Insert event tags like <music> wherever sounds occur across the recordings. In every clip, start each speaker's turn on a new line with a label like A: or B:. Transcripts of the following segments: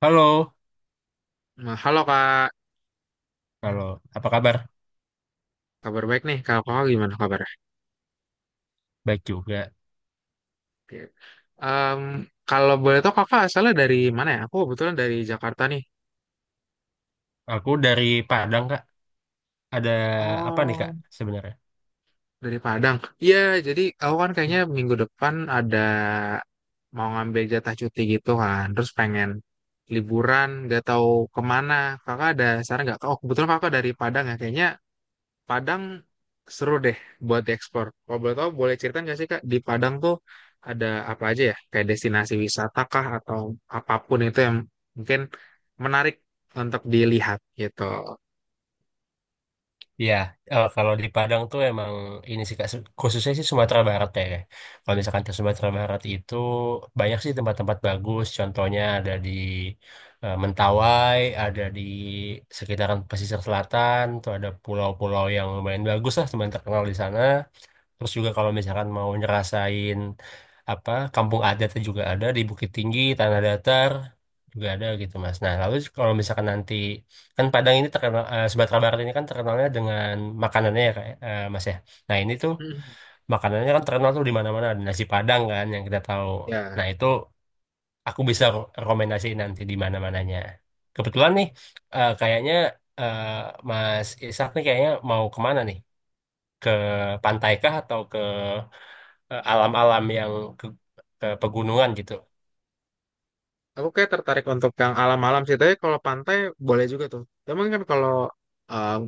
A: Halo,
B: Nah, halo Kak,
A: halo. Apa kabar?
B: kabar baik nih. Kalau kakak gimana kabarnya?
A: Baik juga.
B: Oke. Em, kalau boleh tahu kakak asalnya dari mana ya? Aku kebetulan dari Jakarta nih.
A: Aku dari Padang, Kak. Ada apa nih, Kak,
B: Oh,
A: sebenarnya?
B: dari Padang. Iya, jadi aku kan
A: Hmm.
B: kayaknya minggu depan ada mau ngambil jatah cuti gitu kan. Terus pengen liburan, gak tahu kemana. Kakak ada saran nggak? Oh, kebetulan kakak dari Padang ya. Kayaknya Padang seru deh buat diekspor. Kalau boleh tahu, boleh cerita nggak sih Kak, di Padang tuh ada apa aja ya? Kayak destinasi wisata kah atau apapun itu yang mungkin menarik untuk dilihat gitu.
A: Iya, kalau di Padang tuh emang ini sih, Kak, khususnya sih Sumatera Barat ya. Kak. Kalau misalkan ke Sumatera Barat itu banyak sih tempat-tempat bagus. Contohnya ada di Mentawai, ada di sekitaran pesisir selatan, tuh ada pulau-pulau yang lumayan bagus lah, teman terkenal di sana. Terus juga kalau misalkan mau ngerasain apa kampung adatnya juga ada di Bukit Tinggi, Tanah Datar juga ada gitu Mas. Nah, lalu kalau misalkan nanti kan Padang ini terkenal Sumatera Barat ini kan terkenalnya dengan makanannya ya kayak Mas ya. Nah, ini tuh
B: Hmm.
A: makanannya kan terkenal tuh di mana-mana ada nasi Padang kan yang kita tahu.
B: Ya,
A: Nah, itu aku bisa rekomendasiin nanti di mana-mananya. Kebetulan nih kayaknya eh, Mas Ishak nih kayaknya mau kemana nih? Ke pantai kah atau ke alam-alam yang ke, ke pegunungan gitu.
B: aku kayak tertarik untuk yang alam-alam sih. Tapi kalau pantai boleh juga tuh. Cuman kan kalau um,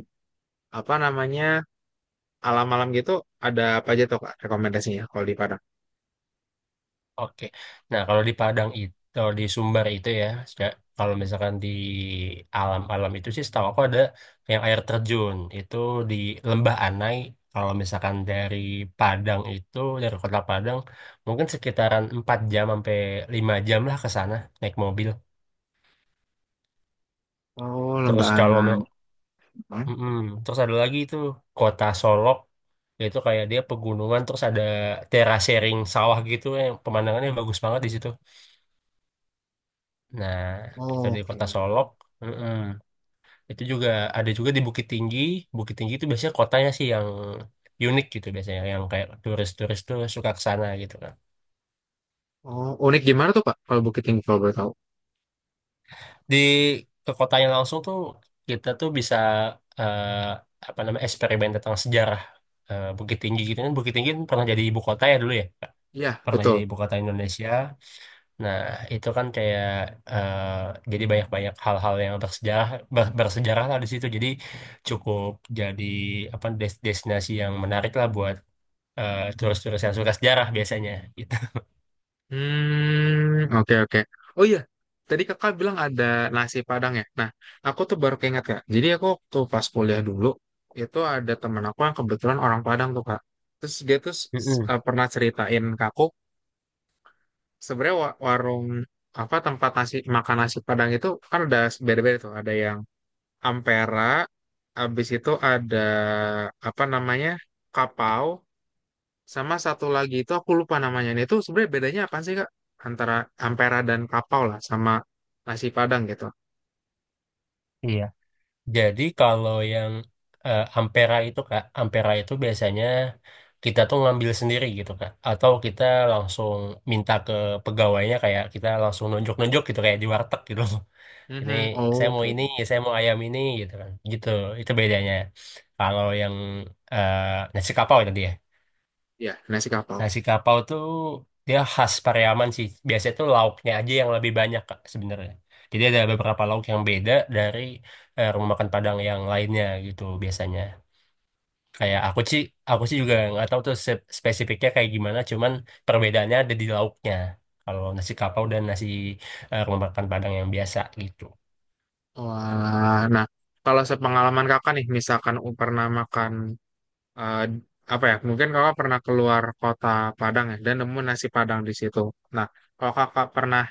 B: apa namanya alam-alam gitu ada apa aja tuh Kak rekomendasinya kalau di Padang?
A: Oke. Nah, kalau di Padang itu, kalau di Sumber itu ya, kalau misalkan di alam-alam itu sih setahu aku ada yang air terjun itu di Lembah Anai. Kalau misalkan dari Padang itu, dari kota Padang, mungkin sekitaran 4 jam sampai 5 jam lah ke sana naik mobil.
B: Oh,
A: Terus
B: Lembah
A: kalau
B: Anai.
A: Mm-mm. Terus ada lagi itu kota Solok, yaitu kayak dia pegunungan terus ada terasering sawah gitu yang pemandangannya bagus banget di situ. Nah, itu
B: Oh,
A: di kota
B: oke.
A: Solok. Mm-mm. Itu juga ada juga di Bukit Tinggi. Bukit Tinggi itu biasanya kotanya sih yang unik gitu biasanya, yang kayak turis-turis tuh suka ke sana gitu kan.
B: Oh, unik gimana tuh Pak kalau Bukit Tinggi kalau boleh tahu?
A: Di ke kotanya langsung tuh kita tuh bisa eh, apa namanya eksperimen tentang sejarah Bukit Tinggi gitu kan. Bukit Tinggi kan pernah jadi ibu kota ya dulu ya.
B: Iya,
A: Pernah jadi
B: betul.
A: ibu kota Indonesia. Nah, itu kan kayak jadi banyak-banyak hal-hal yang bersejarah bersejarah lah di situ. Jadi cukup jadi apa destinasi yang menarik lah buat turis-turis yang suka sejarah biasanya gitu.
B: Hmm, oke, oke. Oh iya, tadi kakak bilang ada nasi Padang ya. Nah, aku tuh baru keinget kak. Jadi aku waktu pas kuliah dulu itu ada teman aku yang kebetulan orang Padang tuh kak. Terus dia tuh
A: Mm-mm.
B: pernah ceritain ke aku sebenarnya warung apa tempat nasi makan nasi Padang itu kan ada beda-beda tuh. Ada yang Ampera, habis itu ada apa namanya Kapau, sama satu lagi itu aku lupa namanya. Nah, itu sebenarnya bedanya apa sih Kak? Antara ampera dan kapau lah sama nasi Padang gitu.
A: Iya. Jadi kalau yang Ampera itu Kak, Ampera itu biasanya kita tuh ngambil sendiri gitu Kak atau kita langsung minta ke pegawainya kayak kita langsung nunjuk-nunjuk gitu kayak di warteg gitu. Ini
B: Mhm. Oh,
A: saya mau
B: oke.
A: ini saya mau ayam ini gitu kan gitu itu bedanya kalau yang eh, nasi kapau tadi ya
B: Ya, nasi kapau.
A: nasi kapau tuh dia khas Pariaman sih biasanya tuh lauknya aja yang lebih banyak Kak, sebenarnya jadi ada beberapa lauk yang beda dari rumah makan Padang yang lainnya gitu biasanya kayak aku sih juga nggak tahu tuh spesifiknya kayak gimana cuman perbedaannya ada di lauknya kalau nasi kapau dan nasi rumah makan Padang yang biasa gitu.
B: Wah, nah kalau sepengalaman Kakak nih misalkan pernah makan eh, apa ya? Mungkin Kakak pernah keluar kota Padang ya dan nemu nasi Padang di situ. Nah, kalau Kakak pernah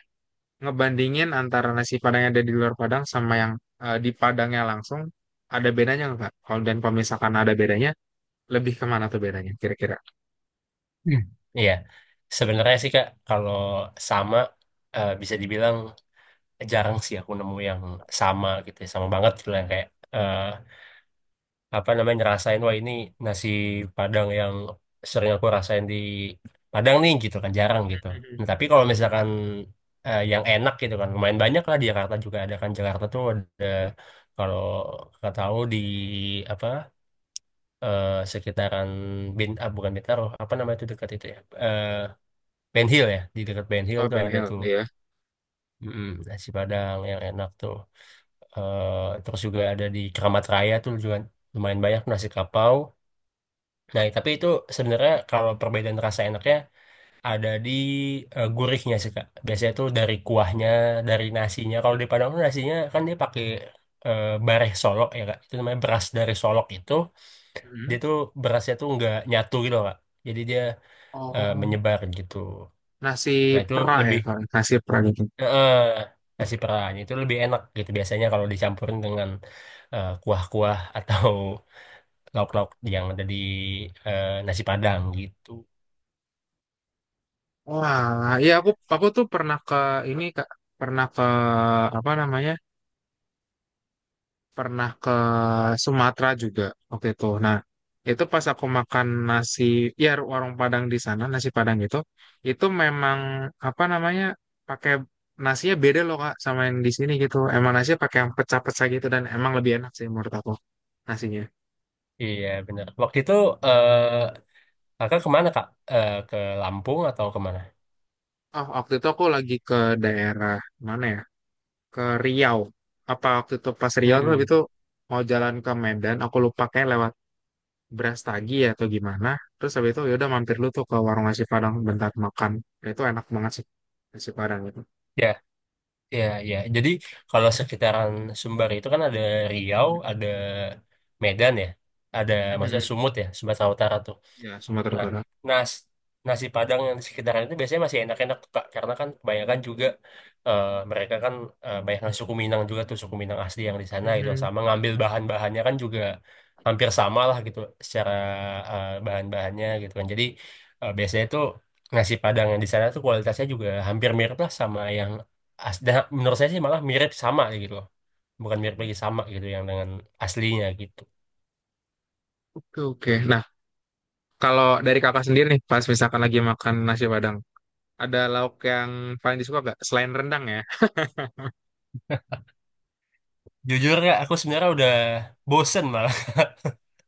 B: ngebandingin antara nasi Padang yang ada di luar Padang sama yang di Padangnya langsung, ada bedanya nggak Kak? Kalau dan kalau misalkan ada bedanya lebih kemana tuh bedanya kira-kira?
A: Hmm, iya, sebenarnya sih Kak, kalau sama bisa dibilang jarang sih aku nemu yang sama gitu, ya. Sama banget gitu yang kayak eh, apa namanya ngerasain wah ini nasi Padang yang sering aku rasain di Padang nih gitu kan jarang gitu.
B: Mhm,
A: Nah, tapi kalau
B: mhm.
A: misalkan yang enak gitu kan lumayan banyak lah di Jakarta juga ada kan Jakarta tuh ada kalau nggak tahu di apa sekitaran bukan Bintaro apa namanya itu dekat itu ya Ben Hill ya di dekat Ben Hill
B: Oh,
A: tuh
B: Ben
A: ada
B: Hill,
A: tuh.
B: iya.
A: Mm-mm, nasi Padang yang enak tuh. Eh, terus juga ada di Keramat Raya tuh juga lumayan banyak nasi kapau nah tapi itu sebenarnya kalau perbedaan rasa enaknya ada di gurihnya sih Kak biasanya tuh dari kuahnya dari nasinya kalau di Padang tuh nasinya kan dia pakai bareh solok ya Kak itu namanya beras dari solok itu
B: Hmm.
A: dia tuh berasnya tuh nggak nyatu gitu Kak jadi dia
B: Oh,
A: menyebar gitu
B: nasi
A: nah itu
B: pera ya,
A: lebih
B: Kak? Nasi pera gitu.
A: eh nasi perahnya itu lebih enak gitu biasanya kalau dicampurin dengan kuah-kuah atau <laughs> lauk-lauk yang ada di nasi Padang gitu.
B: Wah, iya aku tuh pernah ke ini Kak, pernah ke apa namanya? Pernah ke Sumatera juga waktu itu. Nah, itu pas aku makan nasi ya warung Padang di sana, nasi Padang itu memang apa namanya? Pakai nasinya beda loh Kak sama yang di sini gitu. Emang nasinya pakai yang pecah-pecah gitu dan emang lebih enak sih menurut aku. Nasinya.
A: Iya benar. Waktu itu eh kakak kemana kak? Eh, ke Lampung atau kemana?
B: Oh, waktu itu aku lagi ke daerah mana ya? Ke Riau. Apa waktu itu pas Riau tuh
A: Hmm,
B: habis itu mau jalan ke Medan, aku lupa kayak lewat Brastagi ya atau gimana. Terus habis itu ya udah mampir lu tuh ke warung nasi Padang bentar makan. Ya, itu enak banget sih nasi Padang itu.
A: ya, ya, ya. Jadi kalau sekitaran Sumbar itu kan ada Riau, ada Medan ya, ada maksudnya
B: Mhm.
A: Sumut ya, Sumatera Utara tuh.
B: Ya, Sumatera
A: Nah,
B: Utara.
A: nas nasi Padang yang di sekitaran itu biasanya masih enak-enak tuh, Kak. Karena kan kebanyakan juga mereka kan banyak yang suku Minang juga tuh, suku Minang asli yang di sana gitu.
B: Mhm.
A: Sama ngambil bahan-bahannya kan juga hampir sama lah gitu secara bahan-bahannya gitu kan. Jadi biasanya tuh nasi Padang yang di sana tuh kualitasnya juga hampir mirip lah sama yang dan menurut saya sih malah mirip sama gitu loh. Bukan mirip lagi sama gitu yang dengan aslinya gitu.
B: Oke, oke. Nah, kalau dari kakak sendiri nih, pas misalkan lagi makan nasi Padang, ada lauk yang paling disuka gak? Selain rendang ya?
A: Jujur ya, aku sebenarnya udah bosen malah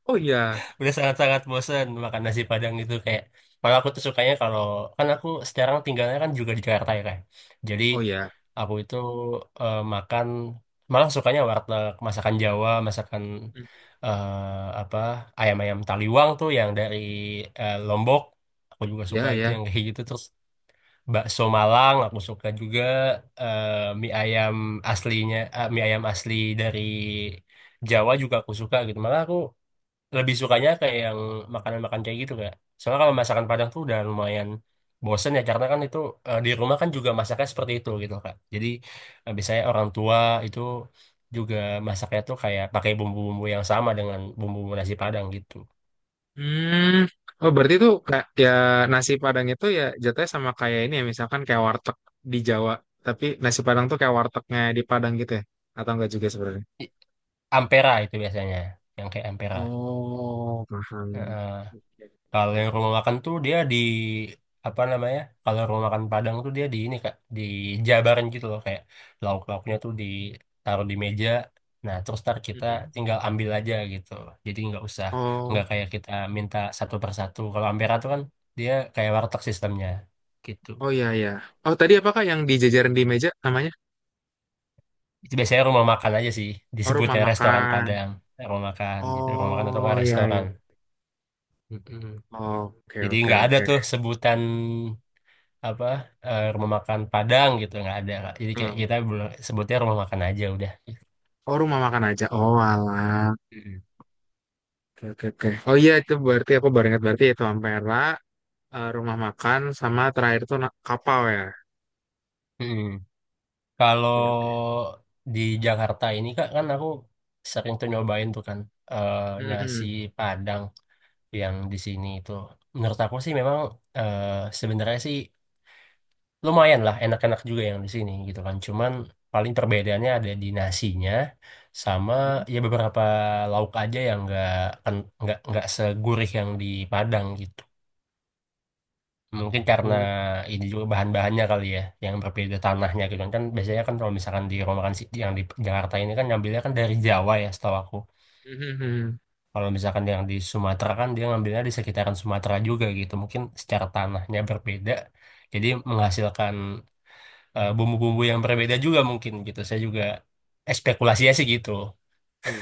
B: Oh iya,
A: udah sangat-sangat bosen makan nasi Padang itu kayak kalau aku tuh sukanya kalau kan aku sekarang tinggalnya kan juga di Jakarta ya kan jadi
B: oh iya.
A: aku itu makan malah sukanya warteg masakan Jawa masakan
B: Mhm.
A: apa ayam-ayam Taliwang tuh yang dari Lombok aku juga suka
B: Ya,
A: itu
B: ya.
A: yang kayak gitu terus bakso Malang aku suka juga eh, mie ayam aslinya mie ayam asli dari Jawa juga aku suka gitu malah aku lebih sukanya kayak yang makanan-makanan kayak gitu kak. Soalnya kalau masakan Padang tuh udah lumayan bosen ya karena kan itu di rumah kan juga masaknya seperti itu gitu kak. Jadi biasanya orang tua itu juga masaknya tuh kayak pakai bumbu-bumbu yang sama dengan bumbu nasi Padang gitu.
B: Hmm. Oh, berarti tuh kayak ya nasi Padang itu ya jatuhnya sama kayak ini ya, misalkan kayak warteg di Jawa, tapi nasi Padang tuh kayak wartegnya di Padang gitu ya? Atau enggak juga sebenarnya?
A: I- Ampera itu biasanya yang kayak ampera.
B: Oh, paham. Oke,
A: Kalau
B: oke.
A: yang rumah makan tuh dia di apa namanya? Kalau rumah makan Padang tuh dia di ini Kak, di dijabarin gitu loh kayak lauk-lauknya tuh ditaruh di meja. Nah, terus ntar kita
B: Mhm.
A: tinggal ambil aja gitu. Jadi nggak usah nggak
B: Oh,
A: kayak kita minta satu persatu. Kalau Ampera tuh kan dia kayak warteg sistemnya gitu.
B: oh iya ya. Oh, tadi apakah yang dijajarin di meja namanya?
A: Itu biasanya rumah makan aja sih
B: Oh, rumah
A: disebutnya restoran
B: makan.
A: Padang, rumah makan gitu, rumah makan atau
B: Oh,
A: nggak
B: iya
A: restoran.
B: ya.
A: Mm-mm.
B: Oke,
A: Jadi
B: oke,
A: nggak ada
B: oke.
A: tuh sebutan apa rumah makan Padang gitu nggak ada Kak. Jadi kayak
B: Hmm.
A: kita sebutnya rumah makan aja udah.
B: Oh, rumah makan aja. Oh, alah.
A: Mm-mm.
B: Oke, oke, oke. Oh iya itu berarti aku baru ingat berarti itu Ampera. Rumah makan sama terakhir tuh kapal ya. Oke, oke.
A: Kalau di Jakarta ini Kak kan aku sering tuh nyobain tuh kan eh, nasi
B: Mhm.
A: Padang yang di sini itu. Menurut aku sih memang eh, sebenarnya sih lumayan lah enak-enak juga yang di sini gitu kan. Cuman paling perbedaannya ada di nasinya sama
B: Mhm.
A: ya beberapa lauk aja yang nggak segurih yang di Padang gitu. Mungkin karena
B: Oh,
A: ini juga bahan-bahannya kali ya, yang berbeda tanahnya gitu kan. Kan biasanya kan kalau misalkan di rumah makan yang di Jakarta ini kan ngambilnya kan dari Jawa ya setahu aku.
B: mhm. Mhm.
A: Kalau misalkan yang di Sumatera kan dia ngambilnya di sekitaran Sumatera juga gitu. Mungkin secara tanahnya berbeda, jadi menghasilkan bumbu-bumbu yang berbeda juga mungkin gitu. Saya juga spekulasinya sih gitu.
B: Iya.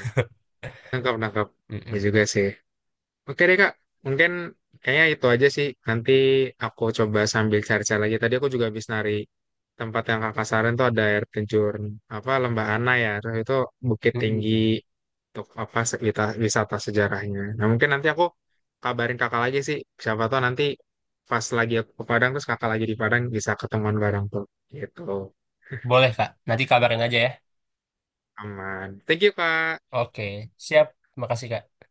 B: Nangkap, nangkap. Ya
A: Mm-mm.
B: juga sih. Oke deh Kak, mungkin kayaknya itu aja sih. Nanti aku coba sambil cari-cari lagi. Tadi aku juga habis nari tempat yang Kakak saran tuh ada air terjun apa Lembah Ana ya. Terus itu bukit tinggi
A: Mm-mm.
B: untuk apa wisata sejarahnya. Nah mungkin nanti aku kabarin Kakak lagi sih. Siapa tahu nanti pas lagi aku ke Padang terus Kakak lagi di Padang bisa ketemuan bareng tuh. Gitu.
A: Boleh Kak, nanti kabarin aja ya.
B: Aman. Thank you Kak.
A: Oke, siap. Makasih Kak.